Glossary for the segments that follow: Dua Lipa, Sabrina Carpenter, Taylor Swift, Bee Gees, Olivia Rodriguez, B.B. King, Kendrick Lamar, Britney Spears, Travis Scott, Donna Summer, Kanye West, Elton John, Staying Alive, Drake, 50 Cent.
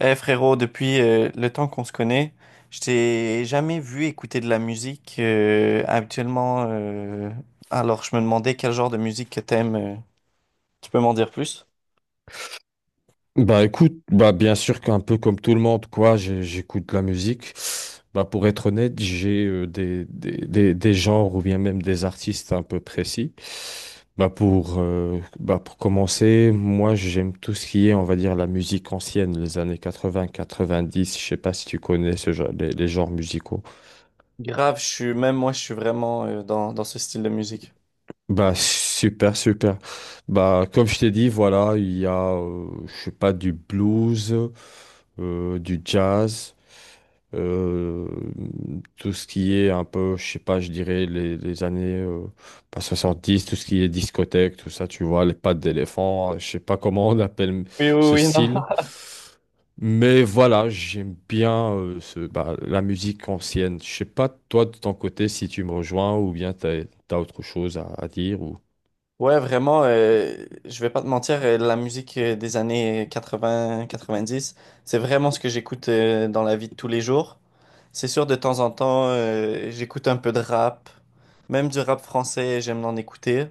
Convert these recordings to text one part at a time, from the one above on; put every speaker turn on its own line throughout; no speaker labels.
Eh frérot, depuis le temps qu'on se connaît, je t'ai jamais vu écouter de la musique habituellement. Alors je me demandais quel genre de musique que t'aimes. Tu peux m'en dire plus?
Bah écoute, bah bien sûr qu'un peu comme tout le monde, quoi, j'écoute de la musique. Bah pour être honnête, j'ai des genres ou bien même des artistes un peu précis. Bah pour commencer, moi j'aime tout ce qui est, on va dire, la musique ancienne, les années 80, 90, je sais pas si tu connais ce genre, les genres musicaux.
Grave, je suis même moi, je suis vraiment dans ce style de musique.
Bah super, super. Bah comme je t'ai dit, voilà, il y a, je sais pas, du blues. Du jazz, euh, tout ce qui est un peu, je sais pas, je dirais les années pas dix, tout ce qui est discothèque, tout ça, tu vois, les pattes d'éléphant, je sais pas comment on appelle
Oui, oui,
ce
oui, non.
style. Mais voilà, j'aime bien bah, la musique ancienne. Je sais pas, toi, de ton côté, si tu me rejoins ou bien t'as autre chose à dire ou.
Ouais, vraiment, je vais pas te mentir, la musique des années 80, 90, c'est vraiment ce que j'écoute dans la vie de tous les jours. C'est sûr, de temps en temps, j'écoute un peu de rap. Même du rap français, j'aime en écouter.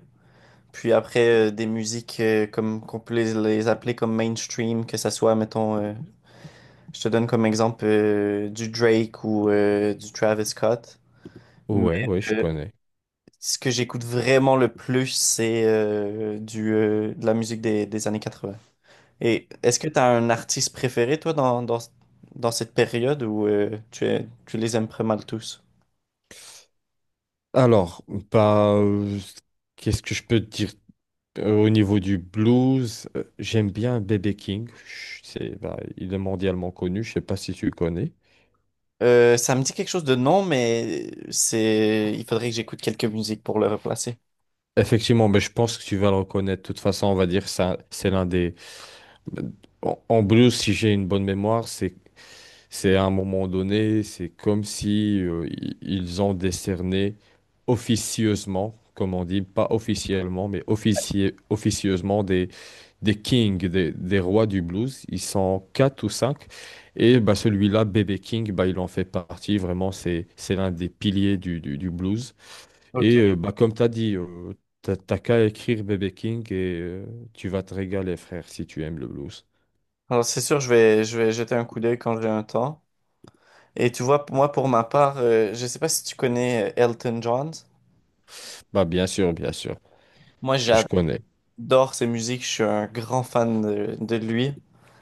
Puis après, des musiques comme qu'on peut les appeler comme mainstream, que ça soit, mettons, je te donne comme exemple du Drake ou du Travis Scott. Mais
Ouais, ouais, je
euh,
connais.
ce que j'écoute vraiment le plus, c'est de la musique des années 80. Et est-ce que tu as un artiste préféré, toi, dans cette période ou tu les aimes pas mal tous?
Alors, bah, qu'est-ce que je peux te dire? Au niveau du blues, j'aime bien B.B. King. C'est, bah, il est mondialement connu. Je sais pas si tu le connais.
Ça me dit quelque chose de non, mais c'est, il faudrait que j'écoute quelques musiques pour le replacer.
Effectivement, mais je pense que tu vas le reconnaître. De toute façon, on va dire ça, c'est l'un des. En blues, si j'ai une bonne mémoire, C'est à un moment donné, c'est comme si ils ont décerné officieusement, comme on dit, pas officiellement, mais officieusement des kings, des rois du blues. Ils sont quatre ou cinq. Et bah, celui-là, B.B. King, bah, il en fait partie. Vraiment, c'est l'un des piliers du blues.
Ok.
Et bah, comme tu as dit, t'as qu'à écrire B.B. King et tu vas te régaler, frère, si tu aimes le blues.
Alors c'est sûr, je vais jeter un coup d'œil quand j'ai un temps. Et tu vois, moi pour ma part, je sais pas si tu connais Elton John.
Bah, bien sûr,
Moi
je connais.
j'adore ses musiques, je suis un grand fan de lui.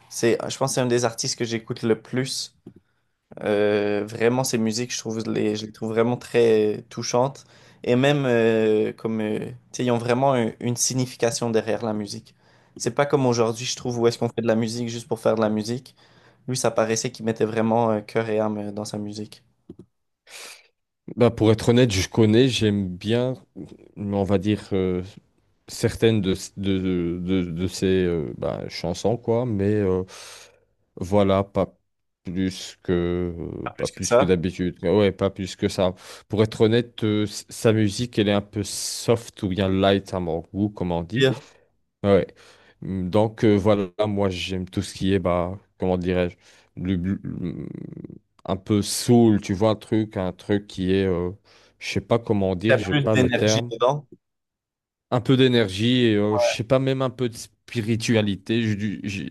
C'est, je pense que c'est un des artistes que j'écoute le plus. Vraiment, ces musiques, je trouve, je les trouve vraiment très touchantes. Et même, tu sais, ils ont vraiment une signification derrière la musique. C'est pas comme aujourd'hui, je trouve, où est-ce qu'on fait de la musique juste pour faire de la musique. Lui, ça paraissait qu'il mettait vraiment cœur et âme dans sa musique.
Bah, pour être honnête, je connais, j'aime bien, on va dire, certaines de ces bah, chansons, quoi, mais voilà, plus que, pas
Plus que
plus que
ça.
d'habitude. Ouais, pas plus que ça. Pour être honnête, sa musique, elle est un peu soft ou bien light à mon goût, comme on
Il y
dit.
a
Ouais. Donc voilà, moi j'aime tout ce qui est, bah, comment dirais-je, le- le- le- un peu soul, tu vois, un truc qui est, je sais pas comment
il y a
dire, j'ai
plus
pas le
d'énergie
terme,
dedans.
un peu d'énergie et je sais pas, même un peu de spiritualité,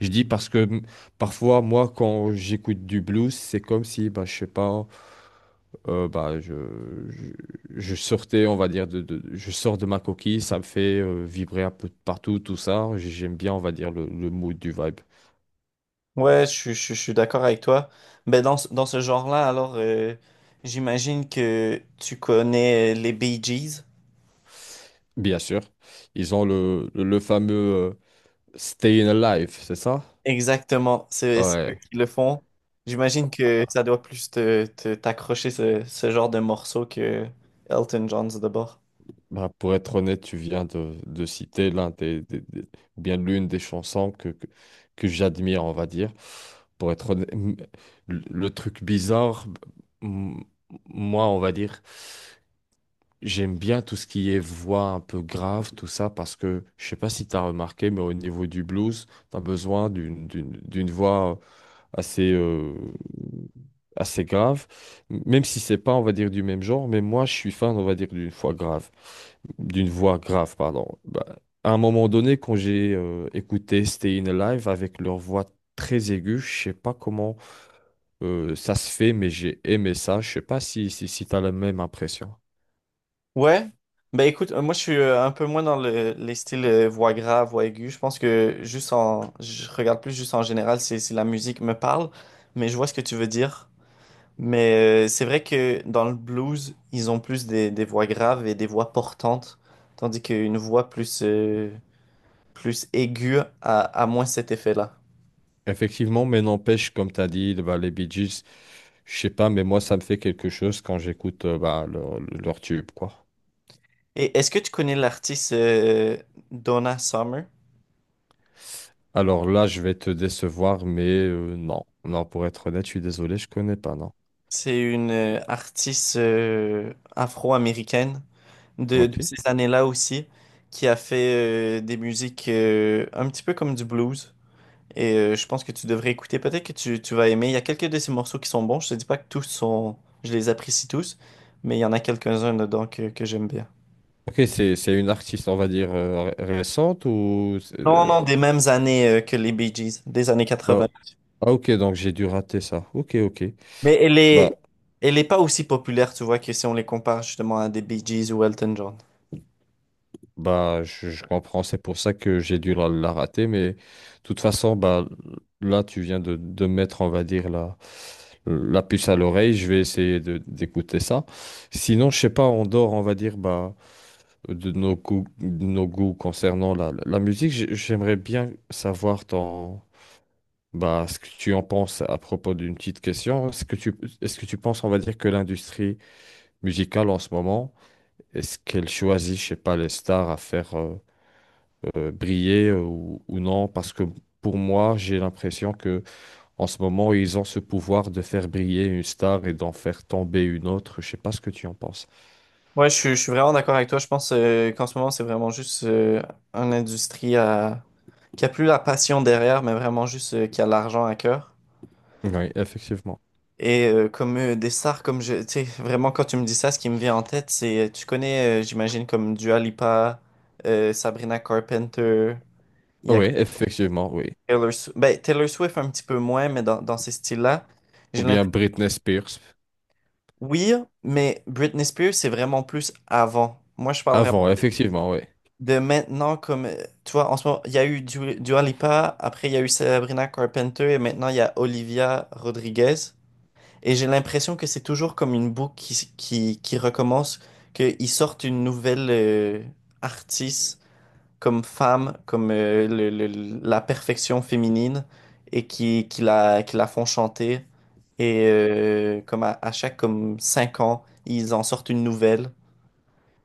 je dis parce que parfois, moi, quand j'écoute du blues, c'est comme si, bah, je sais pas, bah, je, je sortais, on va dire, je sors de ma coquille, ça me fait vibrer un peu de partout, tout ça. J'aime bien, on va dire, le mood du vibe.
Ouais, je suis d'accord avec toi. Mais dans ce genre-là, j'imagine que tu connais les Bee Gees.
Bien sûr. Ils ont le fameux Staying Alive, c'est ça?
Exactement, c'est eux
Ouais.
qui le font. J'imagine que ça doit plus t'accrocher ce genre de morceau que Elton John's d'abord.
Bah, pour être honnête, tu viens de citer l'un des, ou bien l'une des chansons que j'admire, on va dire. Pour être honnête, le truc bizarre, m- moi, on va dire. J'aime bien tout ce qui est voix un peu grave, tout ça, parce que je sais pas si tu as remarqué, mais au niveau du blues, tu as besoin d'une voix assez assez grave, même si c'est pas, on va dire, du même genre. Mais moi, je suis fan, on va dire, d'une voix grave, pardon. Bah, à un moment donné, quand j'ai écouté Stayin' Alive avec leur voix très aiguë, je sais pas comment ça se fait, mais j'ai aimé ça. Je sais pas si tu as la même impression.
Ouais, ben écoute, moi je suis un peu moins dans les styles voix grave, voix aiguë. Je pense que je regarde plus juste en général si la musique me parle, mais je vois ce que tu veux dire. Mais c'est vrai que dans le blues, ils ont plus des voix graves et des voix portantes, tandis qu'une voix plus aiguë a moins cet effet-là.
Effectivement, mais n'empêche, comme tu as dit, bah, les Bee Gees, je sais pas, mais moi, ça me fait quelque chose quand j'écoute bah, leur tube, quoi.
Et est-ce que tu connais l'artiste Donna Summer?
Alors là, je vais te décevoir, mais non. Non, pour être honnête, je suis désolé, je connais pas, non.
C'est une artiste afro-américaine de
Ok.
ces années-là aussi qui a fait des musiques un petit peu comme du blues. Et je pense que tu devrais écouter. Peut-être que tu vas aimer. Il y a quelques de ces morceaux qui sont bons. Je te dis pas que tous sont... Je les apprécie tous, mais il y en a quelques-uns dedans que j'aime bien.
Ok, c'est une artiste, on va dire, récente ou.
Non, non, des mêmes années que les Bee Gees, des années
Ah,
80.
ah, ok, donc j'ai dû rater ça. Ok, ok.
Mais
Bah,
elle est pas aussi populaire, tu vois, que si on les compare justement à des Bee Gees ou Elton John.
Bah, je comprends, c'est pour ça que j'ai dû la rater, mais de toute façon, bah, là, tu viens de mettre, on va dire, la puce à l'oreille, je vais essayer d'écouter ça. Sinon, je sais pas, en dehors, on va dire, bah, de nos goûts concernant la musique, j'aimerais bien savoir ton, bah, ce que tu en penses à propos d'une petite question. Est-ce que tu penses, on va dire, que l'industrie musicale en ce moment, est-ce qu'elle choisit, je sais pas, les stars à faire briller ou, non, parce que pour moi, j'ai l'impression que en ce moment, ils ont ce pouvoir de faire briller une star et d'en faire tomber une autre. Je sais pas ce que tu en penses.
Ouais, je suis vraiment d'accord avec toi. Je pense qu'en ce moment, c'est vraiment juste une industrie qui a plus la passion derrière, mais vraiment juste qui a l'argent à cœur.
Oui, effectivement.
Et comme des stars, tu sais, vraiment quand tu me dis ça, ce qui me vient en tête, c'est, tu connais, j'imagine, comme Dua Lipa, Sabrina Carpenter, il y a
Oui,
comme
effectivement, oui.
Taylor, Swift, ben, Taylor Swift un petit peu moins, mais dans ces styles-là,
Ou
j'ai
bien Britney Spears.
Oui, mais Britney Spears, c'est vraiment plus avant. Moi, je parle vraiment
Avant, effectivement, oui.
de maintenant comme, tu vois, en ce moment, il y a eu Dua Lipa, après il y a eu Sabrina Carpenter et maintenant il y a Olivia Rodriguez. Et j'ai l'impression que c'est toujours comme une boucle qui, qui recommence, qu'ils sortent une nouvelle artiste comme femme, comme la perfection féminine et qui la font chanter. Et comme à chaque comme cinq ans, ils en sortent une nouvelle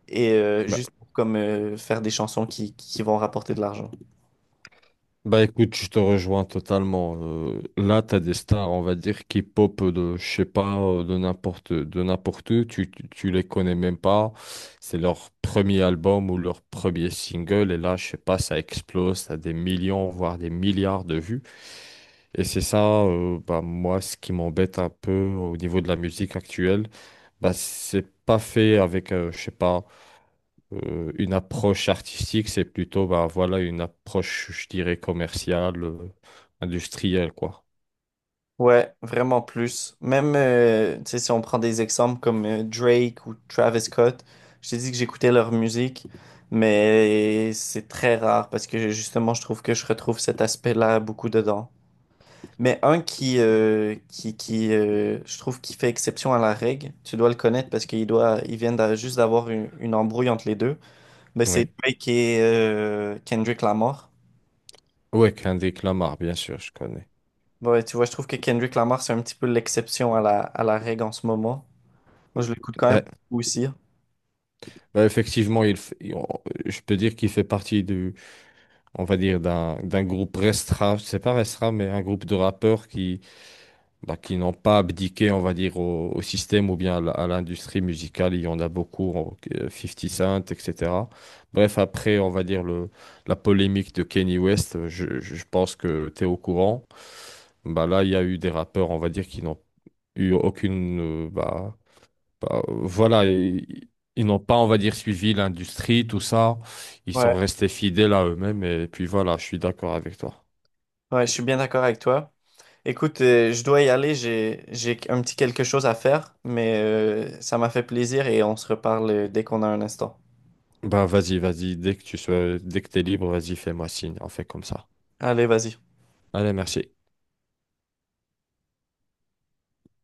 et juste pour comme faire des chansons qui vont rapporter de l'argent.
Bah écoute, je te rejoins totalement. Là, tu as des stars, on va dire, qui pop de, je sais pas, de n'importe où. Tu les connais même pas. C'est leur premier album ou leur premier single. Et là, je sais pas, ça explose. T'as des millions, voire des milliards de vues. Et c'est ça, bah, moi, ce qui m'embête un peu au niveau de la musique actuelle. Bah, c'est pas fait avec, je sais pas. Une approche artistique, c'est plutôt bah, voilà, une approche, je dirais, commerciale, industrielle, quoi.
Ouais, vraiment plus. Même tu sais, si on prend des exemples comme Drake ou Travis Scott, je t'ai dit que j'écoutais leur musique, mais c'est très rare parce que justement, je trouve que je retrouve cet aspect-là beaucoup dedans. Mais un qui je trouve, qui fait exception à la règle, tu dois le connaître parce qu'il doit, il vient juste d'avoir une embrouille entre les deux. Mais c'est
Oui.
lui qui est Kendrick Lamar.
Ouais, Kendrick Lamar, bien sûr, je connais.
Ouais, tu vois, je trouve que Kendrick Lamar, c'est un petit peu l'exception à à la règle en ce moment. Moi, je l'écoute quand même
Bah,
beaucoup aussi.
bah, effectivement, il, f- il- on- je peux dire qu'il fait partie du, on va dire, d'un groupe restreint, c'est pas restreint, mais un groupe de rappeurs qui, bah, qui n'ont pas abdiqué, on va dire, au système ou bien à l'industrie musicale. Il y en a beaucoup, 50 Cent, etc. Bref, après, on va dire, la polémique de Kanye West, je pense que tu es au courant. Bah, là, il y a eu des rappeurs, on va dire, qui n'ont eu aucune. Euh, bah, bah, voilà, ils n'ont pas, on va dire, suivi l'industrie, tout ça. Ils sont
Ouais.
restés fidèles à eux-mêmes. Et puis voilà, je suis d'accord avec toi.
Ouais, je suis bien d'accord avec toi. Écoute, je dois y aller, j'ai un petit quelque chose à faire, mais ça m'a fait plaisir et on se reparle dès qu'on a un instant.
Bah, vas-y, vas-y. Dès que t'es libre, vas-y, fais-moi signe. On fait comme ça.
Allez, vas-y.
Allez, merci.